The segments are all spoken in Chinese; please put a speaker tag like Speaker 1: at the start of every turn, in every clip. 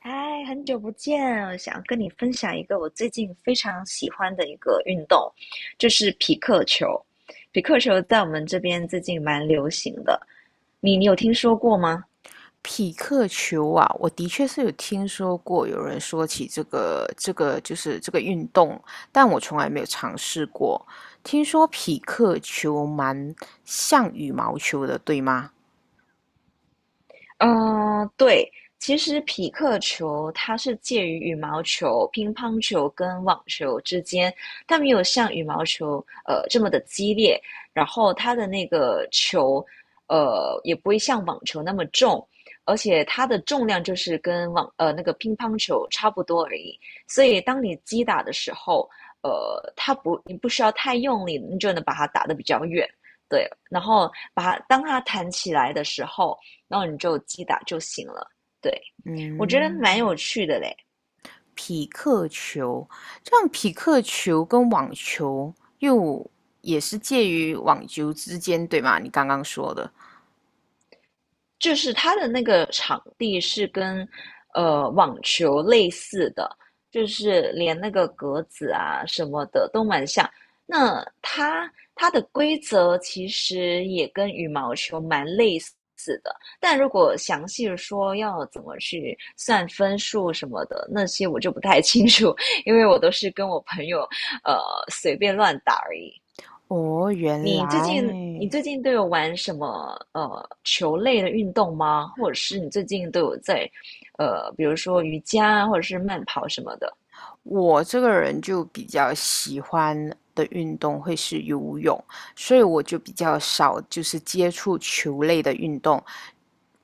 Speaker 1: 嗨，很久不见，我想跟你分享一个我最近非常喜欢的一个运动，就是匹克球。匹克球在我们这边最近蛮流行的，你有听说过吗？
Speaker 2: 匹克球啊，我的确是有听说过有人说起这个就是这个运动，但我从来没有尝试过。听说匹克球蛮像羽毛球的，对吗？
Speaker 1: 嗯，对，其实匹克球它是介于羽毛球、乒乓球跟网球之间，它没有像羽毛球这么的激烈，然后它的那个球也不会像网球那么重，而且它的重量就是跟那个乒乓球差不多而已，所以当你击打的时候，呃，它不你不需要太用力，你就能把它打得比较远。对，然后把它当它弹起来的时候。然后你就击打就行了。对，我觉得蛮
Speaker 2: 嗯，
Speaker 1: 有趣的嘞，
Speaker 2: 匹克球，这样匹克球跟网球也是介于网球之间，对吗？你刚刚说的。
Speaker 1: 就是它的那个场地是跟网球类似的，就是连那个格子啊什么的都蛮像。那它的规则其实也跟羽毛球蛮类似的，但如果详细地说要怎么去算分数什么的，那些我就不太清楚，因为我都是跟我朋友呃随便乱打而已。
Speaker 2: 哦，原
Speaker 1: 你
Speaker 2: 来，
Speaker 1: 最近都有玩什么球类的运动吗？或者是你最近都有在比如说瑜伽啊或者是慢跑什么的？
Speaker 2: 我这个人就比较喜欢的运动会是游泳，所以我就比较少就是接触球类的运动。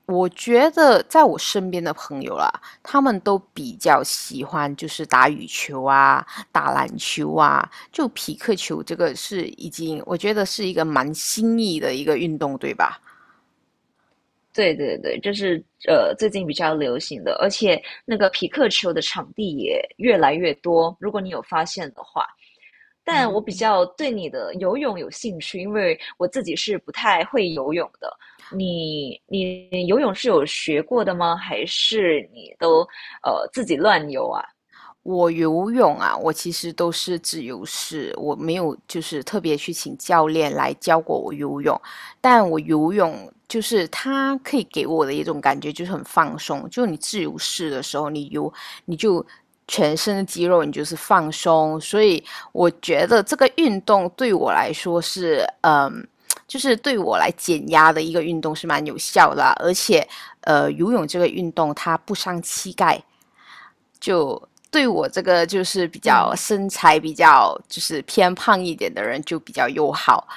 Speaker 2: 我觉得在我身边的朋友啦，他们都比较喜欢就是打羽球啊、打篮球啊，就匹克球这个是已经我觉得是一个蛮新意的一个运动，对吧？
Speaker 1: 对对对，这是最近比较流行的，而且那个皮克球的场地也越来越多，如果你有发现的话。但我比较对你的游泳有兴趣，因为我自己是不太会游泳的。你游泳是有学过的吗？还是你都自己乱游啊？
Speaker 2: 我游泳啊，我其实都是自由式，我没有就是特别去请教练来教过我游泳，但我游泳就是它可以给我的一种感觉就是很放松，就你自由式的时候，你就全身的肌肉你就是放松，所以我觉得这个运动对我来说是嗯。就是对我来减压的一个运动是蛮有效的啊，而且，游泳这个运动它不伤膝盖，就对我这个就是比较
Speaker 1: 嗯
Speaker 2: 身材比较就是偏胖一点的人就比较友好。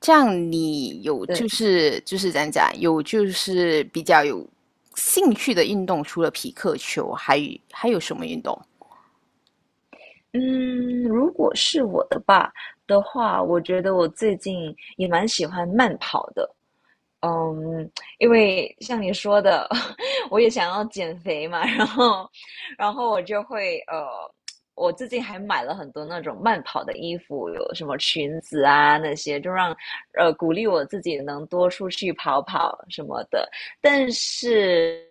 Speaker 2: 这样你有就
Speaker 1: 对，
Speaker 2: 是怎样讲，有就是比较有兴趣的运动，除了匹克球，还有什么运动？
Speaker 1: 嗯，如果是我的吧的话，我觉得我最近也蛮喜欢慢跑的。嗯，因为像你说的，我也想要减肥嘛，然后，然后我就会我最近还买了很多那种慢跑的衣服，有什么裙子啊那些，就让鼓励我自己能多出去跑跑什么的。但是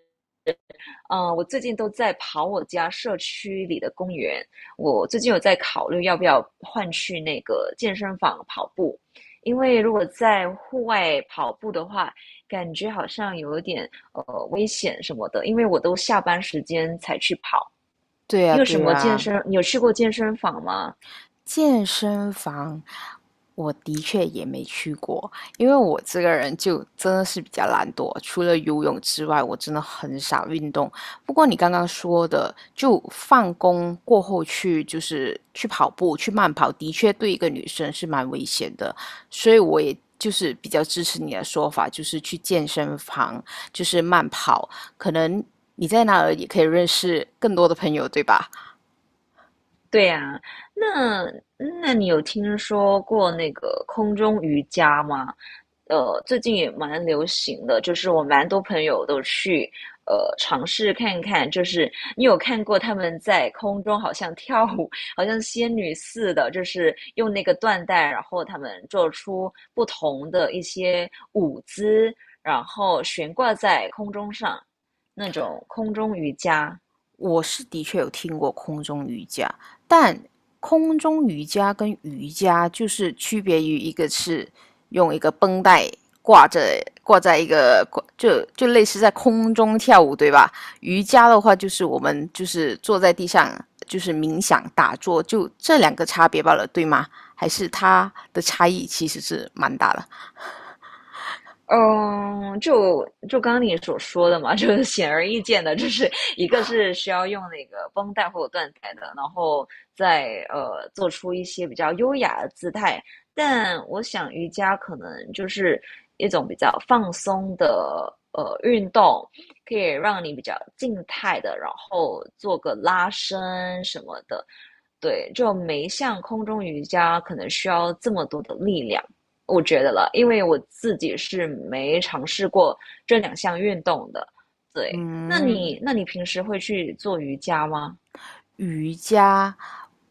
Speaker 1: 嗯，我最近都在跑我家社区里的公园。我最近有在考虑要不要换去那个健身房跑步，因为如果在户外跑步的话，感觉好像有一点危险什么的。因为我都下班时间才去跑。
Speaker 2: 对呀，
Speaker 1: 你有什
Speaker 2: 对
Speaker 1: 么健
Speaker 2: 呀，
Speaker 1: 身？你有去过健身房吗？
Speaker 2: 健身房，我的确也没去过，因为我这个人就真的是比较懒惰，除了游泳之外，我真的很少运动。不过你刚刚说的，就放工过后去，就是去跑步、去慢跑，的确对一个女生是蛮危险的，所以我也就是比较支持你的说法，就是去健身房，就是慢跑，可能你在那儿也可以认识更多的朋友，对吧？
Speaker 1: 对呀，那那你有听说过那个空中瑜伽吗？最近也蛮流行的，就是我蛮多朋友都去尝试看看，就是你有看过他们在空中好像跳舞，好像仙女似的，就是用那个缎带，然后他们做出不同的一些舞姿，然后悬挂在空中上，那种空中瑜伽。
Speaker 2: 我是的确有听过空中瑜伽，但空中瑜伽跟瑜伽就是区别于一个是用一个绷带挂着挂在一个就类似在空中跳舞，对吧？瑜伽的话就是我们就是坐在地上就是冥想打坐，就这两个差别罢了，对吗？还是它的差异其实是蛮大的。
Speaker 1: 嗯，就刚刚你所说的嘛，就是显而易见的，就是一个是需要用那个绷带或者缎带的，然后再做出一些比较优雅的姿态。但我想瑜伽可能就是一种比较放松的运动，可以让你比较静态的，然后做个拉伸什么的。对，就没像空中瑜伽可能需要这么多的力量。我觉得了，因为我自己是没尝试过这两项运动的。对，那你
Speaker 2: 嗯，
Speaker 1: 那你平时会去做瑜伽吗？
Speaker 2: 瑜伽，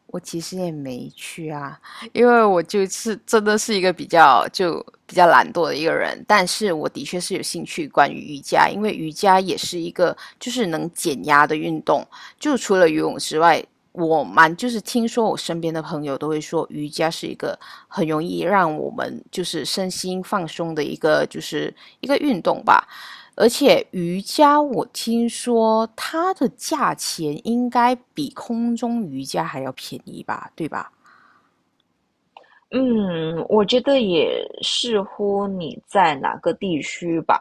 Speaker 2: 我其实也没去啊，因为我就是真的是一个比较懒惰的一个人，但是我的确是有兴趣关于瑜伽，因为瑜伽也是一个就是能减压的运动，就除了游泳之外，我蛮就是听说我身边的朋友都会说瑜伽是一个很容易让我们就是身心放松的一个就是一个运动吧，而且瑜伽，我听说它的价钱应该比空中瑜伽还要便宜吧，对吧？
Speaker 1: 嗯，我觉得也视乎你在哪个地区吧，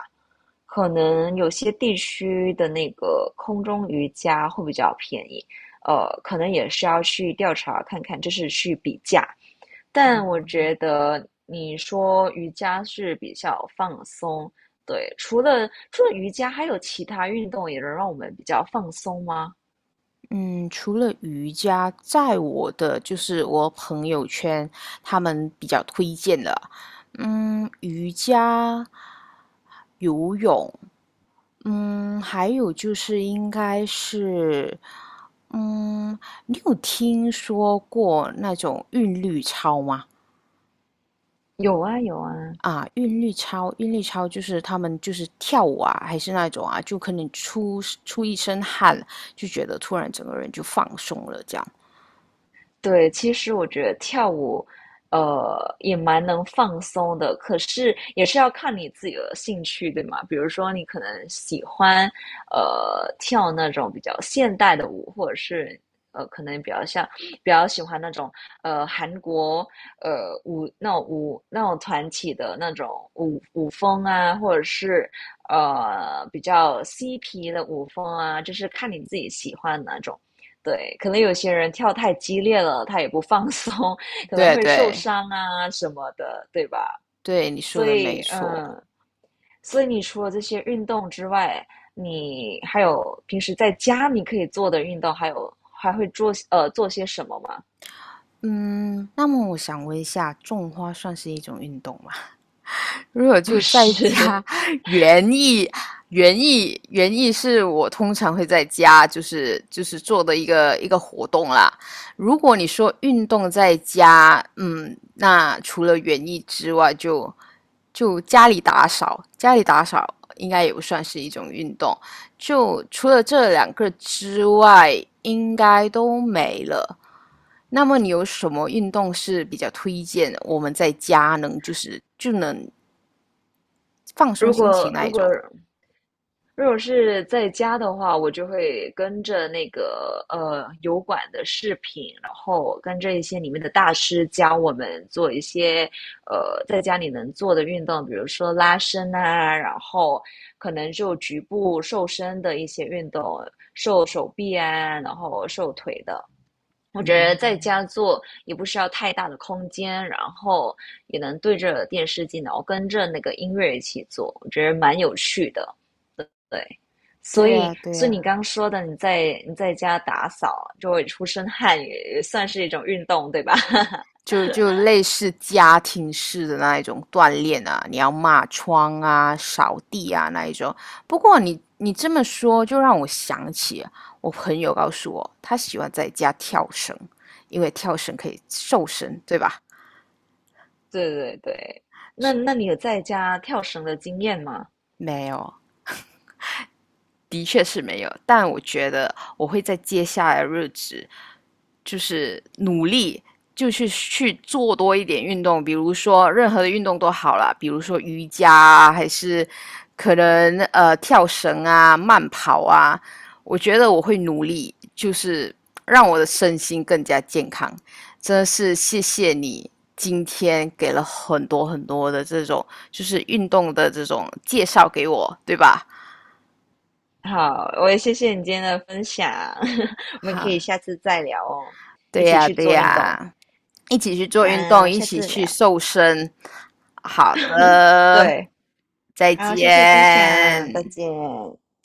Speaker 1: 可能有些地区的那个空中瑜伽会比较便宜，可能也是要去调查看看，就是去比价，但我觉得你说瑜伽是比较放松，对，除了瑜伽，还有其他运动也能让我们比较放松吗？
Speaker 2: 嗯，除了瑜伽，在我的就是我朋友圈，他们比较推荐的，嗯，瑜伽、游泳，嗯，还有就是应该是，嗯，你有听说过那种韵律操吗？
Speaker 1: 有啊，有啊。
Speaker 2: 啊，韵律操，韵律操就是他们就是跳舞啊，还是那种啊，就可能出一身汗，就觉得突然整个人就放松了，这样。
Speaker 1: 对，其实我觉得跳舞，也蛮能放松的，可是也是要看你自己的兴趣，对吗？比如说你可能喜欢，跳那种比较现代的舞，或者是可能比较像比较喜欢那种韩国呃舞那种舞那种团体的那种舞风啊，或者是比较嬉皮的舞风啊，就是看你自己喜欢哪种。对，可能有些人跳太激烈了，他也不放 松，可能
Speaker 2: 对
Speaker 1: 会受
Speaker 2: 对
Speaker 1: 伤啊什么的，对吧？
Speaker 2: 对，你说
Speaker 1: 所
Speaker 2: 的没
Speaker 1: 以，
Speaker 2: 错。
Speaker 1: 嗯，所以你除了这些运动之外，你还有平时在家你可以做的运动，还有还会做些什么吗？
Speaker 2: 嗯，那么我想问一下，种花算是一种运动吗？如果
Speaker 1: 不
Speaker 2: 就在
Speaker 1: 是，
Speaker 2: 家，园艺，园艺，园艺是我通常会在家，就是就是做的一个活动啦。如果你说运动在家，嗯，那除了园艺之外就，就家里打扫应该也不算是一种运动。就除了这两个之外，应该都没了。那么你有什么运动是比较推荐我们在家能就能放 松
Speaker 1: 如
Speaker 2: 心情
Speaker 1: 果
Speaker 2: 那
Speaker 1: 如
Speaker 2: 一
Speaker 1: 果
Speaker 2: 种，
Speaker 1: 如果是在家的话，我就会跟着那个油管的视频，然后跟着一些里面的大师教我们做一些在家里能做的运动，比如说拉伸啊，然后可能就局部瘦身的一些运动，瘦手臂啊，然后瘦腿的。我觉得在家做也不需要太大的空间，然后也能对着电视机，然后跟着那个音乐一起做，我觉得蛮有趣的。对，所
Speaker 2: 对
Speaker 1: 以，
Speaker 2: 呀，对
Speaker 1: 所以你
Speaker 2: 呀，
Speaker 1: 刚说的，你在家打扫就会出身汗，也算是一种运动，对吧？
Speaker 2: 就就类似家庭式的那一种锻炼啊，你要抹窗啊、扫地啊那一种。不过你这么说，就让我想起我朋友告诉我，他喜欢在家跳绳，因为跳绳可以瘦身，对吧？
Speaker 1: 对对对，那
Speaker 2: 是
Speaker 1: 那你有在家跳绳的经验吗？
Speaker 2: 没有，的确是没有，但我觉得我会在接下来的日子，就是努力，就是去做多一点运动，比如说任何的运动都好啦，比如说瑜伽啊，还是可能跳绳啊、慢跑啊，我觉得我会努力，就是让我的身心更加健康。真的是谢谢你今天给了很多的这种就是运动的这种介绍给我，对吧？
Speaker 1: 好，我也谢谢你今天的分享，我们可以
Speaker 2: 哈，
Speaker 1: 下次再聊哦，一
Speaker 2: 对
Speaker 1: 起
Speaker 2: 呀，
Speaker 1: 去
Speaker 2: 对
Speaker 1: 做运动。
Speaker 2: 呀，一起去做运
Speaker 1: 好，
Speaker 2: 动，一
Speaker 1: 下
Speaker 2: 起
Speaker 1: 次
Speaker 2: 去
Speaker 1: 聊。
Speaker 2: 瘦身。好的，
Speaker 1: 对，
Speaker 2: 再
Speaker 1: 好，谢谢分享，再
Speaker 2: 见。
Speaker 1: 见。